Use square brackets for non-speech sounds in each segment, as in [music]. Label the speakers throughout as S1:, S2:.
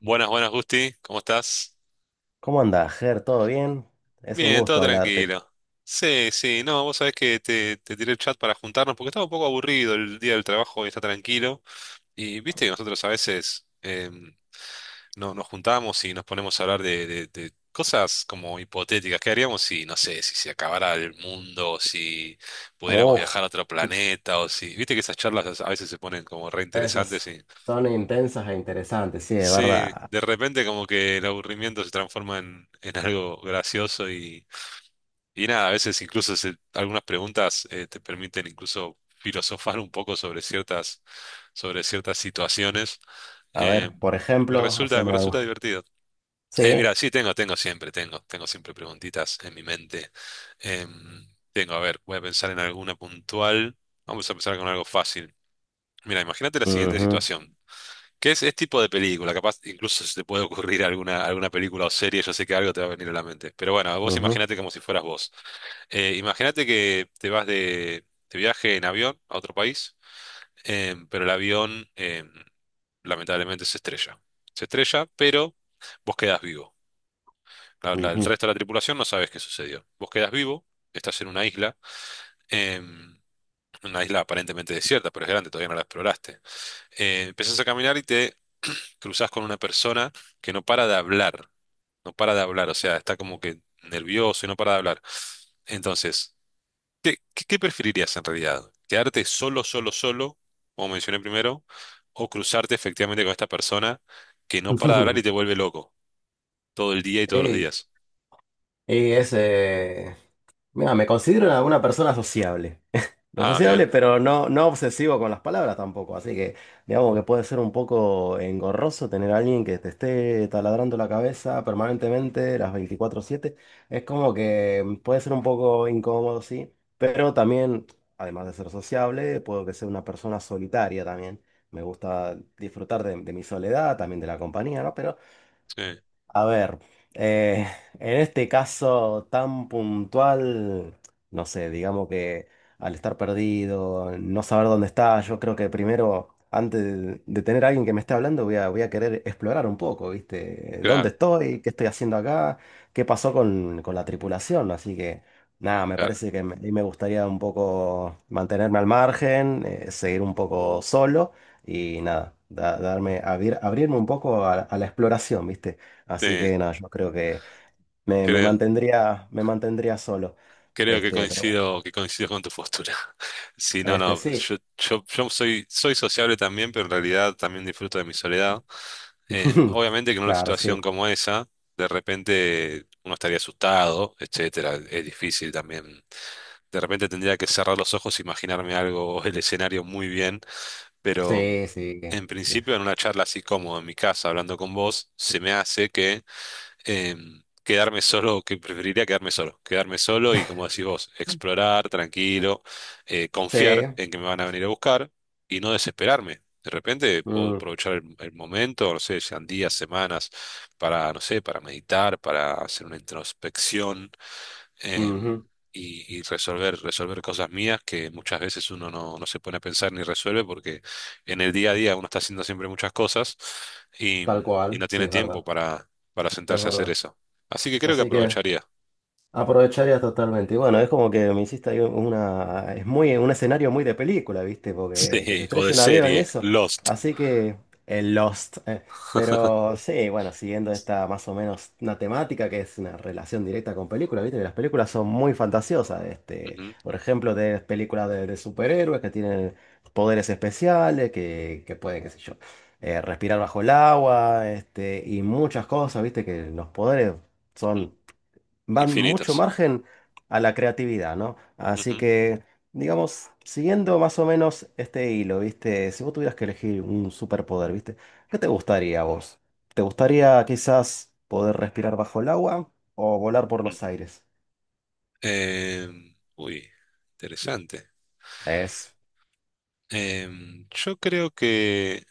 S1: Buenas, buenas, Gusti. ¿Cómo estás?
S2: ¿Cómo andás, Ger? ¿Todo bien? Es un
S1: Bien, todo
S2: gusto hablarte.
S1: tranquilo. Sí, sí, no, vos sabés que te tiré el chat para juntarnos porque estaba un poco aburrido el día del trabajo y está tranquilo. Y viste que nosotros a veces no, nos juntamos y nos ponemos a hablar de cosas como hipotéticas. ¿Qué haríamos si, no sé, si se acabara el mundo, o si pudiéramos
S2: Uf,
S1: viajar a otro planeta o si... Viste que esas charlas a veces se ponen como re
S2: esas
S1: interesantes y...
S2: son intensas e interesantes, sí, de
S1: Sí,
S2: verdad.
S1: de repente como que el aburrimiento se transforma en algo gracioso. Y nada, a veces incluso se- algunas preguntas te permiten incluso filosofar un poco sobre sobre ciertas situaciones.
S2: A
S1: Eh,
S2: ver, por
S1: y
S2: ejemplo,
S1: me
S2: haceme
S1: resulta
S2: algo.
S1: divertido.
S2: Sí.
S1: Mira, sí, tengo siempre preguntitas en mi mente. Eh, Tengo, a ver, voy a pensar en alguna puntual. Vamos a empezar con algo fácil. Mira, imagínate la siguiente
S2: Ujú,
S1: situación. ¿Qué es, este tipo de película? Capaz incluso se te puede ocurrir alguna película o serie, yo sé que algo te va a venir a la mente. Pero bueno, vos
S2: ujú,
S1: imagínate como si fueras vos. Imagínate que te vas de viaje en avión a otro país, pero el avión lamentablemente se estrella. Se estrella, pero vos quedás vivo. El
S2: ujú.
S1: resto de la tripulación no sabes qué sucedió. Vos quedás vivo, estás en eh, una isla aparentemente desierta, pero es grande, todavía no la exploraste. Empezás a caminar y te cruzás con una persona que no para de hablar. No para de hablar, o sea, está como que nervioso y no para de hablar. Entonces, ¿qué preferirías en realidad? ¿Quedarte solo, solo, solo, como mencioné primero, o cruzarte efectivamente con esta persona que no para de hablar
S2: [laughs]
S1: y te vuelve loco todo el día y todos los
S2: Ey,
S1: días?
S2: y ese. Mira, me considero una persona sociable. [laughs] Lo
S1: Ah, bien,
S2: sociable, pero no, no obsesivo con las palabras tampoco. Así que digamos que puede ser un poco engorroso tener a alguien que te esté taladrando la cabeza permanentemente las 24/7. Es como que puede ser un poco incómodo, sí. Pero también, además de ser sociable, puedo que sea una persona solitaria también. Me gusta disfrutar de mi soledad, también de la compañía, ¿no? Pero
S1: sí,
S2: a ver, eh, en este caso tan puntual, no sé, digamos que al estar perdido, no saber dónde está, yo creo que primero, antes de tener a alguien que me esté hablando, voy a querer explorar un poco, ¿viste? ¿Dónde
S1: claro,
S2: estoy? ¿Qué estoy haciendo acá? ¿Qué pasó con la tripulación? Así que nada, me
S1: claro.
S2: parece que me, ahí me gustaría un poco mantenerme al margen, seguir un poco solo y nada, darme, abrirme un poco a la exploración, ¿viste?
S1: Sí,
S2: Así que nada, yo creo que me,
S1: creo,
S2: me mantendría solo.
S1: creo que
S2: Este, pero bueno,
S1: coincido con tu postura. [laughs] Sí, no,
S2: este,
S1: no,
S2: sí.
S1: yo soy sociable también, pero en realidad también disfruto de mi soledad.
S2: [laughs]
S1: Obviamente que en una
S2: Claro,
S1: situación
S2: sí.
S1: como esa, de repente uno estaría asustado, etcétera. Es difícil también. De repente tendría que cerrar los ojos, imaginarme algo, el escenario muy bien, pero
S2: Sí, sí,
S1: en
S2: sí.
S1: principio en una charla así como en mi casa hablando con vos, se me hace que quedarme solo, que preferiría quedarme solo y como decís vos, explorar tranquilo,
S2: Sí.
S1: confiar en que me van a venir a buscar y no desesperarme. De repente puedo
S2: Mm,
S1: aprovechar el momento, no sé, sean días, semanas, para, no sé, para meditar, para hacer una introspección em,
S2: ujú.
S1: y resolver, resolver cosas mías que muchas veces uno no, no se pone a pensar ni resuelve porque en el día a día uno está haciendo siempre muchas cosas y,
S2: Tal
S1: y
S2: cual,
S1: no
S2: sí,
S1: tiene
S2: es
S1: tiempo
S2: verdad.
S1: para
S2: Es
S1: sentarse a hacer
S2: verdad.
S1: eso. Así que creo que
S2: Así que
S1: aprovecharía. [laughs]
S2: aprovecharía totalmente. Y bueno, es como que me hiciste ahí una. Es muy, un escenario muy de película, ¿viste? Porque que se
S1: Sí, o de
S2: estrella un avión y
S1: serie,
S2: eso.
S1: Lost.
S2: Así que el Lost. Pero sí, bueno, siguiendo esta más o menos una temática que es una relación directa con películas, ¿viste? Que las películas son muy fantasiosas. Este,
S1: Ujú,
S2: por ejemplo, de películas de superhéroes que tienen poderes especiales, que pueden, qué sé yo, respirar bajo el agua, este, y muchas cosas, ¿viste? Que los poderes
S1: ujú.
S2: son van mucho
S1: Infinitos.
S2: margen a la creatividad, ¿no? Así
S1: Ujú,
S2: que, digamos, siguiendo más o menos este hilo, ¿viste? Si vos tuvieras que elegir un superpoder, ¿viste? ¿Qué te gustaría a vos? ¿Te gustaría quizás poder respirar bajo el agua o volar por
S1: mm.
S2: los aires?
S1: Uy, interesante.
S2: Es.
S1: Yo creo que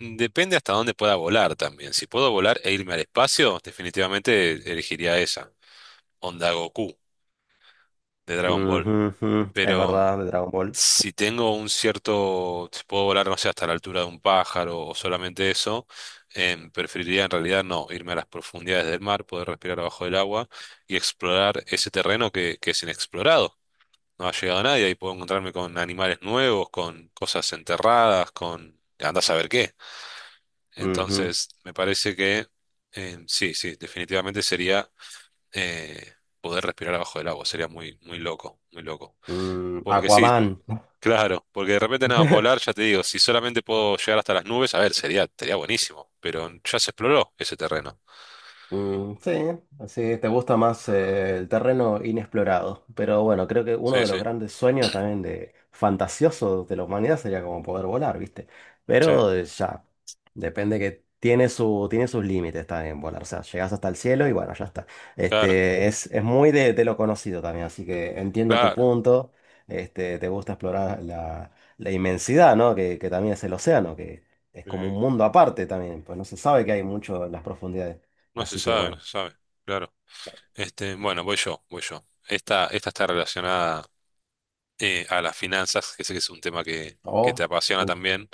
S1: depende hasta dónde pueda volar también. Si puedo volar e irme al espacio, definitivamente elegiría esa, onda Goku de Dragon Ball.
S2: Ujú, ujú. Es
S1: Pero mm,
S2: verdad, de Dragon Ball.
S1: si tengo un cierto, si puedo volar, no sé, hasta la altura de un pájaro o solamente eso, preferiría en realidad no, irme a las profundidades del mar, poder respirar abajo del agua y explorar ese terreno que es inexplorado. No ha llegado nadie y puedo encontrarme con animales nuevos, con cosas enterradas, con... Andás a ver qué.
S2: Ujú.
S1: Entonces, me parece que sí, definitivamente sería eh, poder respirar abajo del agua, sería muy, muy loco, muy loco.
S2: Mm,
S1: Porque sí,
S2: Aquaman.
S1: claro, porque de repente nada, volar,
S2: [laughs]
S1: ya te digo, si solamente puedo llegar hasta las nubes, a ver, sería buenísimo, pero ya se exploró ese terreno.
S2: Mm, sí, así te gusta más el terreno inexplorado. Pero bueno, creo que uno
S1: Sí,
S2: de los
S1: sí,
S2: grandes sueños también de fantasiosos de la humanidad sería como poder volar, ¿viste?
S1: sí,
S2: Pero depende que tiene su, tiene sus límites también volar. O sea, llegas hasta el cielo y bueno, ya está.
S1: claro,
S2: Este, es muy de lo conocido también, así que entiendo tu
S1: claro.
S2: punto. Este, te gusta explorar la, la inmensidad, ¿no? Que también es el océano, que es como un
S1: Sí,
S2: mundo aparte también. Pues no se sabe que hay mucho en las profundidades.
S1: no se
S2: Así que
S1: sabe, no
S2: bueno.
S1: se sabe, claro. Este, bueno, voy yo. Esta está relacionada a las finanzas, que sé que es un tema que te
S2: Oh,
S1: apasiona
S2: in-
S1: también.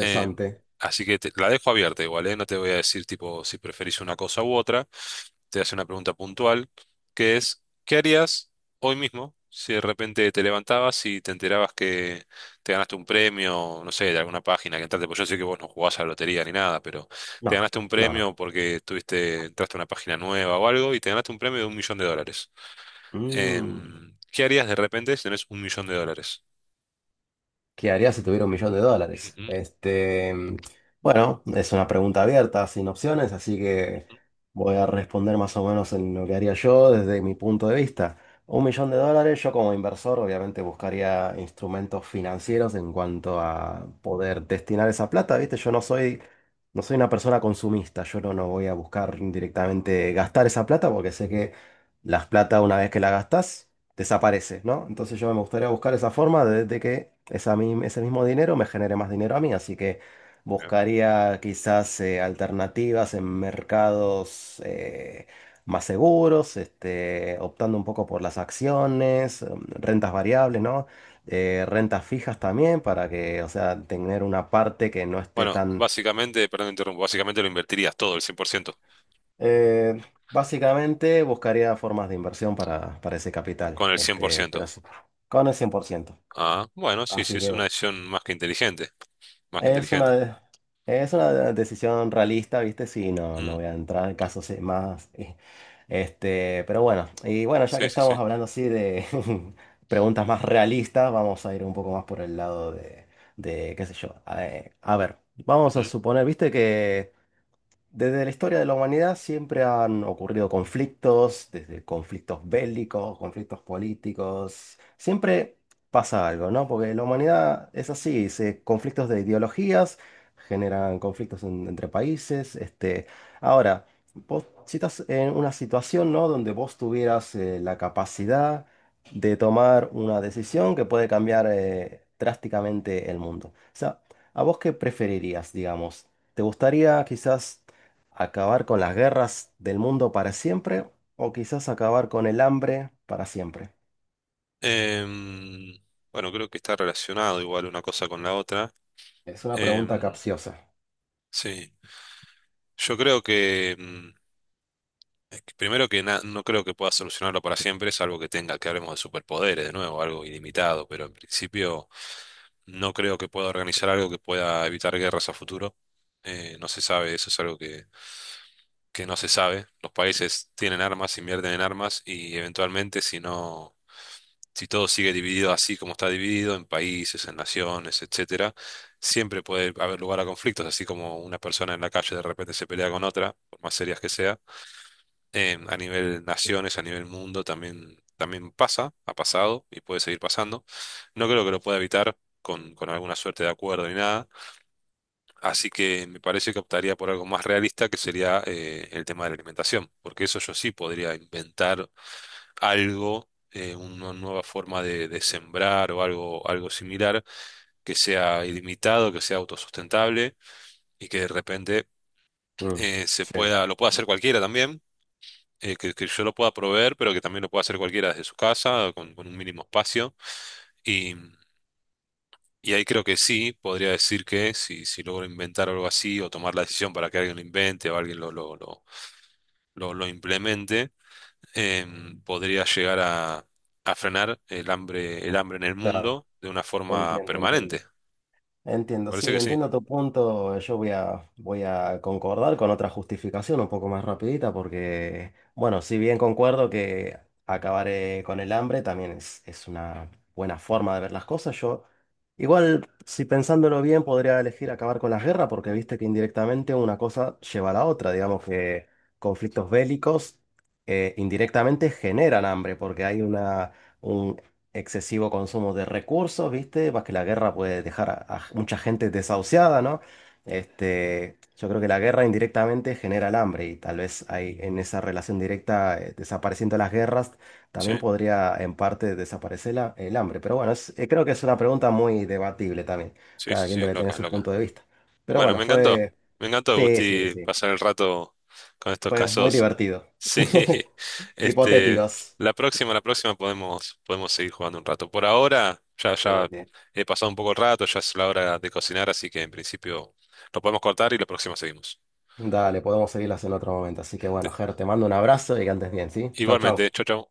S1: Eh, Así que te- la dejo abierta igual, ¿eh? No te voy a decir tipo si preferís una cosa u otra. Te hace una pregunta puntual, que es, ¿qué harías hoy mismo si de repente te levantabas y te enterabas que te ganaste un premio, no sé, de alguna página que entraste? Pues yo sé que vos no jugás a la lotería ni nada, pero te
S2: No,
S1: ganaste un
S2: no, no.
S1: premio porque tuviste entraste a una página nueva o algo y te ganaste un premio de un millón de dólares (1.000.000).
S2: Mm.
S1: ¿Qué harías de repente si tenés un millón de dólares (1.000.000)?
S2: ¿Qué haría si tuviera un millón de USD? Este, bueno, es una pregunta abierta, sin opciones, así que
S1: Ujú.
S2: voy a responder más o menos en lo que haría yo desde mi punto de vista. Un millón de USD, yo como inversor obviamente buscaría instrumentos financieros en cuanto a poder destinar esa plata, ¿viste? Yo no soy, no soy una persona consumista, yo no, no voy a buscar directamente gastar esa plata porque sé que las plata una vez que la gastas desaparece, ¿no? Entonces yo me gustaría buscar esa forma de que esa ese mismo dinero me genere más dinero a mí, así que buscaría quizás alternativas en mercados más seguros, este, optando un poco por las acciones, rentas variables, ¿no? Rentas fijas también para que, o sea, tener una parte que no esté
S1: Bueno,
S2: tan...
S1: básicamente, perdón, me interrumpo, básicamente lo invertirías todo, el 100%,
S2: eh, Básicamente buscaría formas de inversión para ese capital,
S1: con el cien por
S2: este, pero
S1: ciento.
S2: sí, con el 100%.
S1: Ah, bueno, sí, sí,
S2: Así
S1: es
S2: que
S1: una
S2: bueno.
S1: decisión más que inteligente, más que
S2: Es una,
S1: inteligente.
S2: de- es una decisión realista, ¿viste? Sí, no,
S1: Mm,
S2: no voy a entrar en casos más. Este, pero bueno, y bueno, ya que
S1: sí, sí, sí.
S2: estamos hablando así de [laughs] preguntas más realistas, vamos a ir un poco más por el lado de qué sé yo. A ver, vamos a
S1: Ujú.
S2: suponer, ¿viste que desde la historia de la humanidad siempre han ocurrido conflictos, desde conflictos bélicos, conflictos políticos, siempre pasa algo, ¿no? Porque la humanidad es así, se, conflictos de ideologías generan conflictos entre países. Este, ahora, vos si estás en una situación, ¿no? Donde vos tuvieras la capacidad de tomar una decisión que puede cambiar drásticamente el mundo. O sea, ¿a vos qué preferirías, digamos? ¿Te gustaría quizás acabar con las guerras del mundo para siempre o quizás acabar con el hambre para siempre?
S1: Em, bueno, creo que está relacionado igual una cosa con la otra.
S2: Es una pregunta
S1: Em,
S2: capciosa.
S1: sí, yo creo que... mm, es que primero que na- no creo que pueda solucionarlo para siempre, salvo que tenga que hablemos de superpoderes de nuevo, algo ilimitado, pero en principio no creo que pueda organizar algo que pueda evitar guerras a futuro. No se sabe, eso es algo que no se sabe. Los países tienen armas, invierten en armas y eventualmente si no, si todo sigue dividido así como está dividido, en países, en naciones, etcétera, siempre puede haber lugar a conflictos, así como una persona en la calle de repente se pelea con otra, por más serias que sean a nivel naciones, a nivel mundo, también, también pasa, ha pasado y puede seguir pasando. No creo que lo pueda evitar con alguna suerte de acuerdo ni nada. Así que me parece que optaría por algo más realista, que sería el tema de la alimentación, porque eso yo sí podría inventar algo, una nueva forma de sembrar o algo, algo similar, que sea ilimitado, que sea autosustentable y que de repente
S2: Mm,
S1: se
S2: sí,
S1: pueda, lo pueda hacer cualquiera también, que yo lo pueda proveer, pero que también lo pueda hacer cualquiera desde su casa, con un mínimo espacio. Y, y ahí creo que sí, podría decir que si, si logro inventar algo así o tomar la decisión para que alguien lo invente o alguien lo implemente, podría llegar a frenar el hambre en el
S2: claro,
S1: mundo de una forma
S2: entiendo, entiendo.
S1: permanente.
S2: Entiendo,
S1: Parece
S2: sí,
S1: que sí.
S2: entiendo tu punto. Voy a concordar con otra justificación un poco más rapidita porque, bueno, si bien concuerdo que acabar con el hambre también es una buena forma de ver las cosas, yo igual, si pensándolo bien, podría elegir acabar con las guerras porque viste que indirectamente una cosa lleva a la otra. Digamos que conflictos bélicos indirectamente generan hambre porque hay una excesivo consumo de recursos, ¿viste? Más que la guerra puede dejar a mucha gente desahuciada, ¿no? Este, yo creo que la guerra indirectamente genera el hambre y tal vez hay en esa relación directa, desapareciendo las guerras,
S1: Sí,
S2: también podría en parte desaparecer el hambre. Pero bueno, creo que es una pregunta muy debatible también.
S1: sí, sí,
S2: Cada
S1: sí,
S2: quien
S1: es
S2: debe tener
S1: loca, es
S2: su
S1: loca.
S2: punto de vista. Pero
S1: Bueno,
S2: bueno,
S1: me encantó.
S2: fue...
S1: Me encantó,
S2: Sí, sí,
S1: Gusti,
S2: sí.
S1: pasar el rato con estos
S2: Fue muy
S1: casos.
S2: divertido.
S1: Sí,
S2: [laughs]
S1: [laughs] este,
S2: Hipotéticos.
S1: la próxima podemos, podemos seguir jugando un rato. Por ahora, ya,
S2: Sí,
S1: ya
S2: sí.
S1: he pasado un poco el rato, ya es la hora de cocinar, así que en principio lo podemos cortar y la próxima seguimos.
S2: Dale, podemos seguirlas en otro momento. Así que bueno, Ger, te mando un abrazo y que andes bien, ¿sí? Chau,
S1: Igualmente,
S2: chau.
S1: chau, chau.